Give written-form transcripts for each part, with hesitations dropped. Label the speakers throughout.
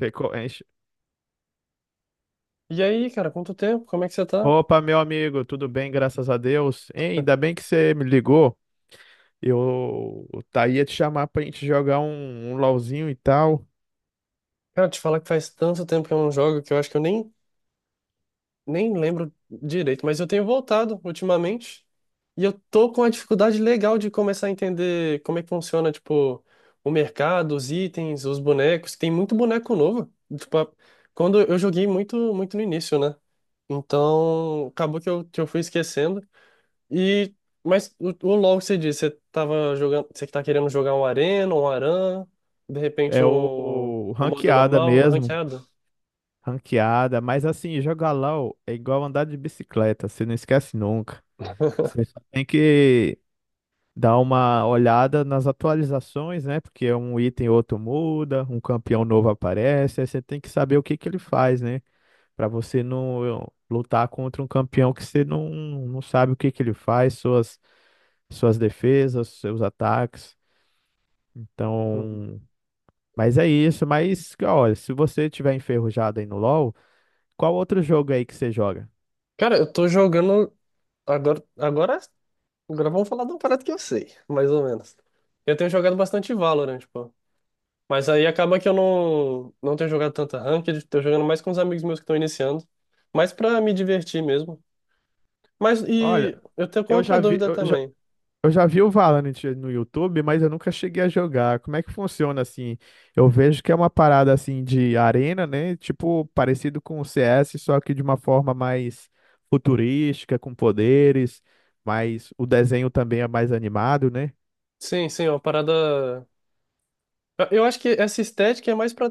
Speaker 1: Ficou, enche.
Speaker 2: E aí, cara, quanto tempo? Como é que você tá?
Speaker 1: Opa, meu amigo, tudo bem, graças a Deus. Hein, ainda bem que você me ligou. Eu ia te chamar pra gente jogar um LOLzinho e tal.
Speaker 2: Cara, te falar que faz tanto tempo que eu não jogo que eu acho que eu nem lembro direito, mas eu tenho voltado ultimamente e eu tô com uma dificuldade legal de começar a entender como é que funciona, tipo, o mercado, os itens, os bonecos. Tem muito boneco novo. Tipo, quando eu joguei muito, muito no início, né? Então, acabou que eu fui esquecendo. E, mas o LoL que você disse, você tava jogando, você que tá querendo jogar um Arena, de repente
Speaker 1: É o,
Speaker 2: um,
Speaker 1: o
Speaker 2: um modo
Speaker 1: ranqueada
Speaker 2: normal,
Speaker 1: mesmo,
Speaker 2: ranqueado?
Speaker 1: ranqueada, mas assim, jogar LOL é igual andar de bicicleta, você não esquece nunca. Você só tem que dar uma olhada nas atualizações, né? Porque um item ou outro muda, um campeão novo aparece, aí você tem que saber o que que ele faz, né? Para você não lutar contra um campeão que você não sabe o que que ele faz, suas defesas, seus ataques.
Speaker 2: Uhum.
Speaker 1: Então, mas é isso. Mas, olha, se você tiver enferrujado aí no LoL, qual outro jogo aí que você joga?
Speaker 2: Cara, eu tô jogando. Agora, agora, agora vamos falar de um parada que eu sei, mais ou menos. Eu tenho jogado bastante Valorant, pô. Mas aí acaba que eu não tenho jogado tanta ranked, tô jogando mais com os amigos meus que estão iniciando, mais pra me divertir mesmo. Mas e
Speaker 1: Olha,
Speaker 2: eu tenho com
Speaker 1: eu
Speaker 2: outra
Speaker 1: já vi,
Speaker 2: dúvida
Speaker 1: eu já,
Speaker 2: também.
Speaker 1: eu já vi o Valorant no YouTube, mas eu nunca cheguei a jogar. Como é que funciona assim? Eu vejo que é uma parada assim de arena, né? Tipo, parecido com o CS, só que de uma forma mais futurística, com poderes, mas o desenho também é mais animado, né?
Speaker 2: Sim, sim, é uma parada. Eu acho que essa estética é mais para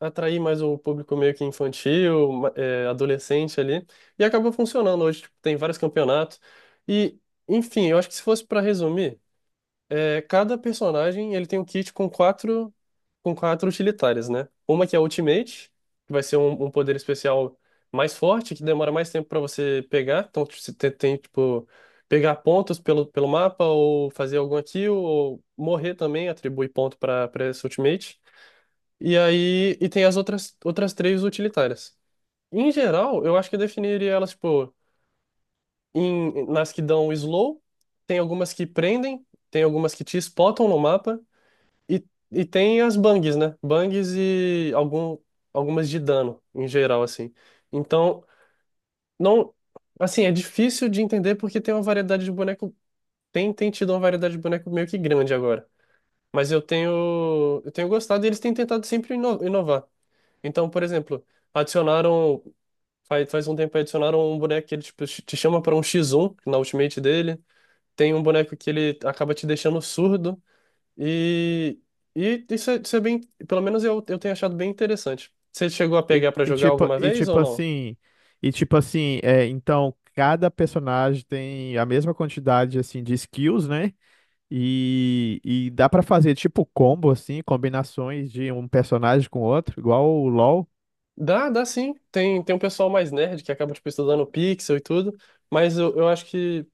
Speaker 2: atrair mais o público meio que infantil, adolescente ali, e acabou funcionando hoje. Tipo, tem vários campeonatos. E, enfim, eu acho que se fosse para resumir, cada personagem ele tem um kit com quatro utilitárias, né? Uma que é a Ultimate, que vai ser um poder especial mais forte, que demora mais tempo para você pegar. Então, tipo, você tem, tipo, pegar pontos pelo mapa, ou fazer alguma kill, ou morrer também, atribui ponto para essa Ultimate. E aí, e tem as outras três utilitárias. Em geral, eu acho que eu definiria elas, tipo, nas que dão slow, tem algumas que prendem, tem algumas que te spotam no mapa, e, e tem as bangs, né? Bangs e algumas de dano, em geral, assim. Então, não. Assim, é difícil de entender porque tem uma variedade de boneco. Tem tido uma variedade de boneco meio que grande agora. Mas eu tenho. Eu tenho gostado e eles têm tentado sempre inovar. Então, por exemplo, adicionaram. Faz um tempo aí adicionaram um boneco que ele tipo, te chama para um X1 na ultimate dele. Tem um boneco que ele acaba te deixando surdo. E, e isso é bem. Pelo menos eu tenho achado bem interessante. Você chegou a
Speaker 1: E,
Speaker 2: pegar pra
Speaker 1: e
Speaker 2: jogar
Speaker 1: tipo,
Speaker 2: alguma
Speaker 1: e
Speaker 2: vez
Speaker 1: tipo
Speaker 2: ou não?
Speaker 1: assim, e tipo assim, é, então cada personagem tem a mesma quantidade assim de skills, né? E dá pra fazer tipo combo, assim, combinações de um personagem com outro, igual o LoL.
Speaker 2: Dá sim. Tem um pessoal mais nerd que acaba, tipo, estudando pixel e tudo. Mas eu acho que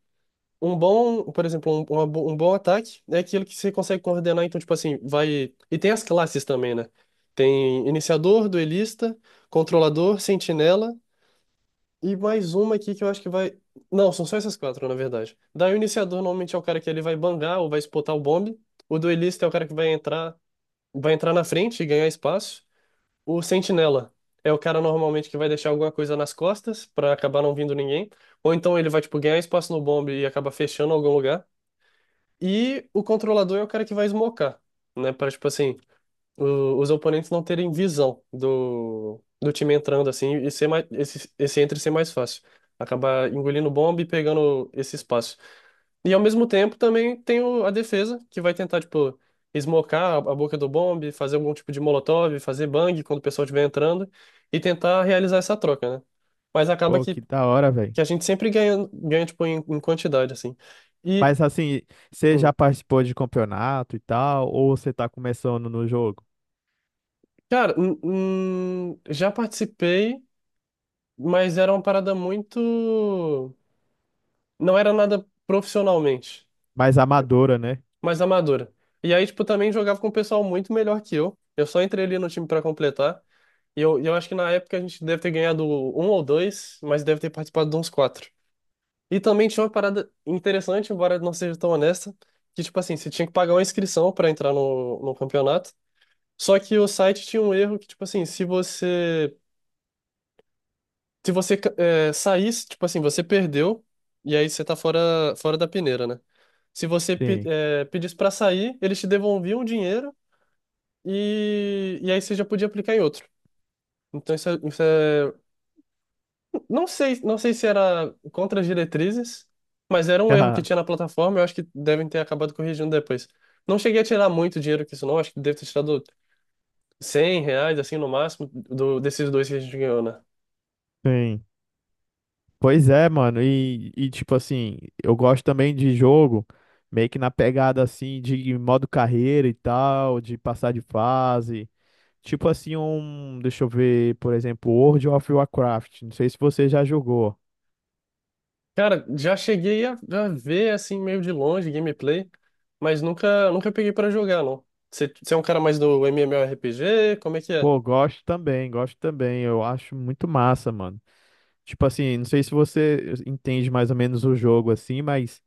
Speaker 2: um bom, por exemplo, um bom ataque é aquilo que você consegue coordenar. Então, tipo assim, vai. E tem as classes também, né? Tem iniciador, duelista, controlador, sentinela. E mais uma aqui que eu acho que vai. Não, são só essas quatro, na verdade. Daí o iniciador normalmente é o cara que ele vai bangar ou vai espotar o bombe. O duelista é o cara que vai entrar na frente e ganhar espaço. O sentinela é o cara normalmente que vai deixar alguma coisa nas costas pra acabar não vindo ninguém. Ou então ele vai tipo ganhar espaço no bombe e acaba fechando algum lugar. E o controlador é o cara que vai smocar, né? Para tipo assim, os oponentes não terem visão do time entrando assim e ser mais, esse entre ser mais fácil. Acabar engolindo bomba e pegando esse espaço. E ao mesmo tempo também tem a defesa, que vai tentar, tipo, esmocar a boca do bombe, fazer algum tipo de molotov, fazer bang quando o pessoal estiver entrando e tentar realizar essa troca, né? Mas acaba
Speaker 1: Pô,
Speaker 2: que,
Speaker 1: que da hora, velho.
Speaker 2: que a gente sempre ganha, ganha tipo, em quantidade, assim. E,
Speaker 1: Mas assim, você já
Speaker 2: hum,
Speaker 1: participou de campeonato e tal, ou você tá começando no jogo?
Speaker 2: cara, já participei. Mas era uma parada muito. Não era nada profissionalmente,
Speaker 1: Mais amadora, né?
Speaker 2: mas amadora. E aí, tipo, também jogava com um pessoal muito melhor que eu. Eu só entrei ali no time pra completar. E eu acho que na época a gente deve ter ganhado um ou dois, mas deve ter participado de uns quatro. E também tinha uma parada interessante, embora não seja tão honesta, que, tipo assim, você tinha que pagar uma inscrição pra entrar no campeonato. Só que o site tinha um erro que, tipo assim, se você saísse, tipo assim, você perdeu, e aí você tá fora, fora da peneira, né? Se você
Speaker 1: Sim.
Speaker 2: pedisse pra sair, eles te devolviam o dinheiro e aí você já podia aplicar em outro. Então não sei se era contra as diretrizes, mas era um erro que tinha na plataforma, eu acho que devem ter acabado corrigindo depois. Não cheguei a tirar muito dinheiro com isso, não, acho que deve ter tirado R$ 100, assim, no máximo, desses dois que a gente ganhou, né?
Speaker 1: Sim. Pois é, mano. Eu gosto também de jogo, meio que na pegada assim, de modo carreira e tal, de passar de fase. Tipo assim, um. Deixa eu ver, por exemplo, World of Warcraft. Não sei se você já jogou.
Speaker 2: Cara, já cheguei a ver assim meio de longe gameplay, mas nunca peguei pra jogar, não. Você é um cara mais do MMORPG? Como é que é?
Speaker 1: Pô, gosto também, gosto também. Eu acho muito massa, mano. Tipo assim, não sei se você entende mais ou menos o jogo assim, mas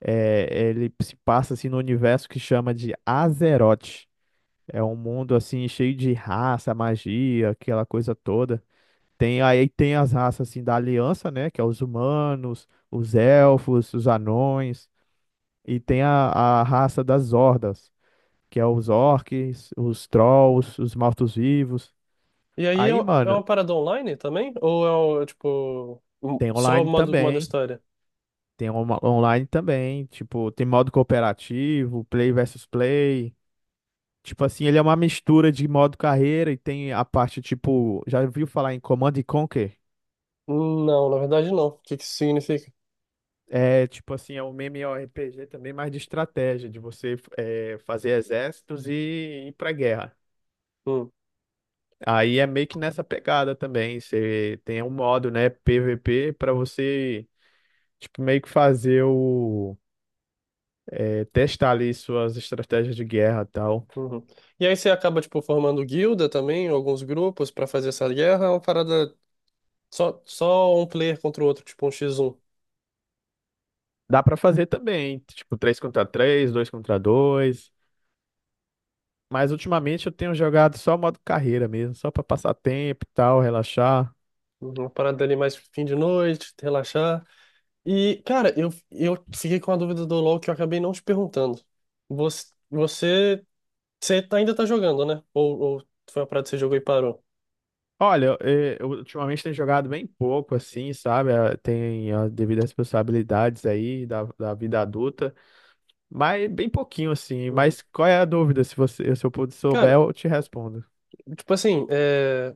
Speaker 1: ele se passa assim no universo que chama de Azeroth. É um mundo assim cheio de raça, magia, aquela coisa toda. Tem aí tem as raças assim da Aliança, né, que é os humanos, os elfos, os anões e tem a raça das hordas, que é os orcs, os trolls, os mortos-vivos.
Speaker 2: E aí é
Speaker 1: Aí,
Speaker 2: um- é
Speaker 1: mano,
Speaker 2: uma parada online também? Ou é
Speaker 1: tem
Speaker 2: só
Speaker 1: online
Speaker 2: modo
Speaker 1: também.
Speaker 2: história?
Speaker 1: Online também. Tipo, tem modo cooperativo, play versus play. Tipo assim, ele é uma mistura de modo carreira e tem a parte, tipo, já ouviu falar em Command and Conquer?
Speaker 2: Não, na verdade não. O que que isso significa?
Speaker 1: É, tipo assim, é um MMORPG também, mais de estratégia, de você fazer exércitos e ir pra guerra.
Speaker 2: Hum,
Speaker 1: Aí é meio que nessa pegada também. Você tem um modo, né, PVP, pra você tipo, meio que fazer o, testar ali suas estratégias de guerra e tal.
Speaker 2: uhum. E aí você acaba tipo formando guilda também, alguns grupos pra fazer essa guerra, é uma parada só um player contra o outro, tipo um x um?
Speaker 1: Dá pra fazer também, tipo, 3 contra três, 2 contra dois. Mas ultimamente eu tenho jogado só modo carreira mesmo, só pra passar tempo e tal, relaxar.
Speaker 2: Uhum. Uma parada ali mais fim de noite, relaxar. E, cara, eu fiquei com a dúvida do LoL que eu acabei não te perguntando. Você, você, ainda tá jogando, né? Ou foi uma parada que você jogou e parou?
Speaker 1: Olha, eu ultimamente tenho jogado bem pouco, assim, sabe? Ah, tem as devidas responsabilidades aí da vida adulta, mas bem pouquinho, assim.
Speaker 2: Uhum.
Speaker 1: Mas qual é a dúvida? Se você, se eu puder souber,
Speaker 2: Cara,
Speaker 1: eu te respondo.
Speaker 2: tipo assim,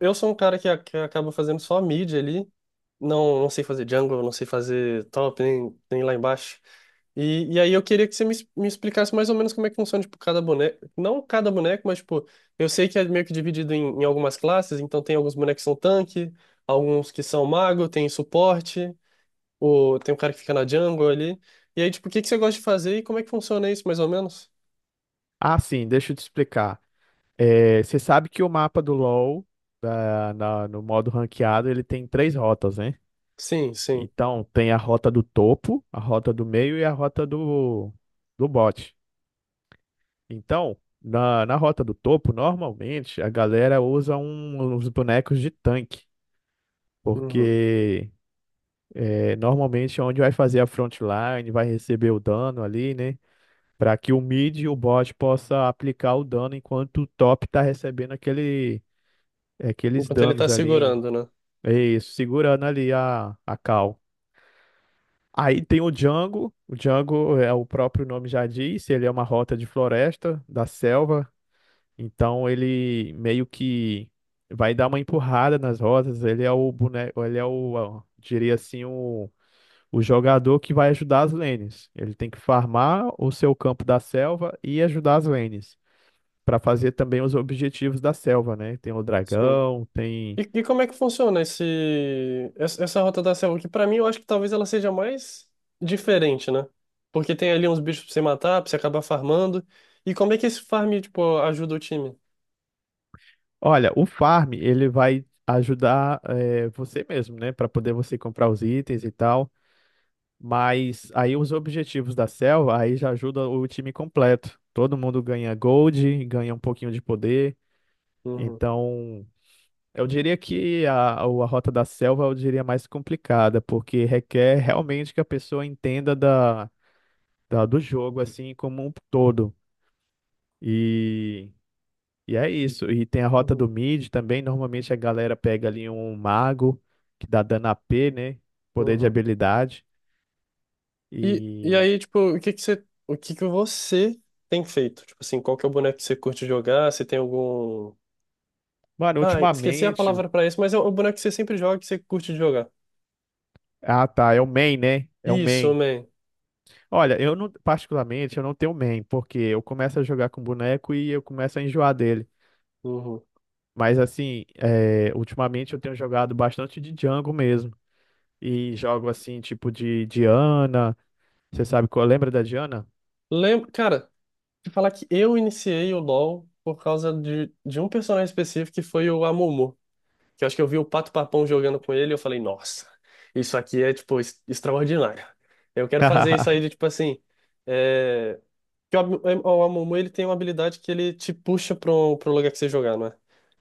Speaker 2: eu sou um cara que acaba fazendo só mid ali. Não sei fazer jungle, não sei fazer top, nem lá embaixo. E aí eu queria que você me explicasse mais ou menos como é que funciona, tipo, cada boneco. Não cada boneco, mas, tipo, eu sei que é meio que dividido em algumas classes, então tem alguns bonecos que são tanque, alguns que são mago, tem suporte, tem um cara que fica na jungle ali. E aí, tipo, o que que você gosta de fazer e como é que funciona isso, mais ou menos?
Speaker 1: Ah, sim, deixa eu te explicar. É, você sabe que o mapa do LoL, no modo ranqueado, ele tem três rotas, né?
Speaker 2: Sim, sim.
Speaker 1: Então, tem a rota do topo, a rota do meio e a rota do bot. Então, na rota do topo, normalmente, a galera usa uns bonecos de tanque,
Speaker 2: Uhum.
Speaker 1: porque normalmente é onde vai fazer a frontline, vai receber o dano ali, né? Para que o mid e o bot possa aplicar o dano enquanto o top tá recebendo aqueles
Speaker 2: Enquanto ele
Speaker 1: danos
Speaker 2: tá
Speaker 1: ali.
Speaker 2: segurando, né?
Speaker 1: É isso, segurando ali a cal. Aí tem o Django. O Django, o próprio nome já diz, ele é uma rota de floresta, da selva. Então ele meio que vai dar uma empurrada nas rotas. Ele é o boneco, ele é o, ó, diria assim, o jogador que vai ajudar as lanes. Ele tem que farmar o seu campo da selva e ajudar as lanes. Para fazer também os objetivos da selva, né? Tem o
Speaker 2: Sim.
Speaker 1: dragão,
Speaker 2: E,
Speaker 1: tem.
Speaker 2: e como é que funciona esse, essa essa rota da selva? Que pra mim eu acho que talvez ela seja mais diferente, né? Porque tem ali uns bichos pra você matar, pra você acabar farmando. E como é que esse farm, tipo, ajuda o time?
Speaker 1: Olha, o farm, ele vai ajudar você mesmo, né? Para poder você comprar os itens e tal. Mas aí os objetivos da selva, aí já ajuda o time completo. Todo mundo ganha gold, ganha um pouquinho de poder.
Speaker 2: Uhum,
Speaker 1: Então, eu diria que a rota da selva, eu diria mais complicada, porque requer realmente que a pessoa entenda do jogo, assim, como um todo. E E é isso. E tem a rota
Speaker 2: uhum,
Speaker 1: do mid também. Normalmente a galera pega ali um mago que dá dano a p, né? Poder de
Speaker 2: uhum.
Speaker 1: habilidade.
Speaker 2: E
Speaker 1: E,
Speaker 2: aí, tipo, o que que você tem feito? Tipo assim, qual que é o boneco que você curte jogar? Se tem algum.
Speaker 1: mano,
Speaker 2: Ah, esqueci a
Speaker 1: ultimamente,
Speaker 2: palavra pra isso, mas é o boneco que você sempre joga, que você curte de jogar.
Speaker 1: ah, tá. É o main, né? É o
Speaker 2: Isso,
Speaker 1: main.
Speaker 2: man.
Speaker 1: Olha, eu não, particularmente, eu não tenho main, porque eu começo a jogar com boneco e eu começo a enjoar dele.
Speaker 2: Uhum.
Speaker 1: Mas assim, ultimamente eu tenho jogado bastante de jungle mesmo. E jogo assim, tipo de Diana. Você sabe qual? Lembra da Diana?
Speaker 2: Lembra, cara, te falar que eu iniciei o LoL por causa de um personagem específico que foi o Amumu. Que eu acho que eu vi o Pato Papão jogando com ele e eu falei, nossa, isso aqui é, tipo, extraordinário. Eu quero fazer isso aí tipo assim. É... que o Amumu, ele tem uma habilidade que ele te puxa pro lugar que você jogar, não é?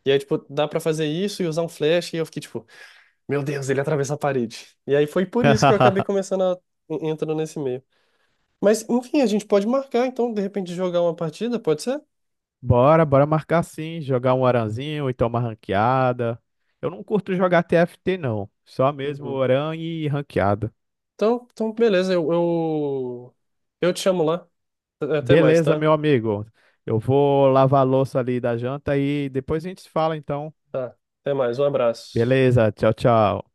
Speaker 2: E aí, tipo, dá pra fazer isso e usar um flash e eu fiquei, tipo, meu Deus, ele atravessa a parede. E aí foi por isso que eu acabei começando entrando nesse meio. Mas, enfim, a gente pode marcar, então, de repente, jogar uma partida, pode ser?
Speaker 1: Bora marcar sim, jogar um aranzinho, ou então uma ranqueada. Eu não curto jogar TFT não, só mesmo
Speaker 2: Uhum.
Speaker 1: oran e ranqueada.
Speaker 2: Então, beleza, eu te chamo lá. Até mais,
Speaker 1: Beleza,
Speaker 2: tá?
Speaker 1: meu amigo. Eu vou lavar a louça ali da janta e depois a gente se fala então.
Speaker 2: Tá, até mais, um abraço.
Speaker 1: Beleza, tchau, tchau.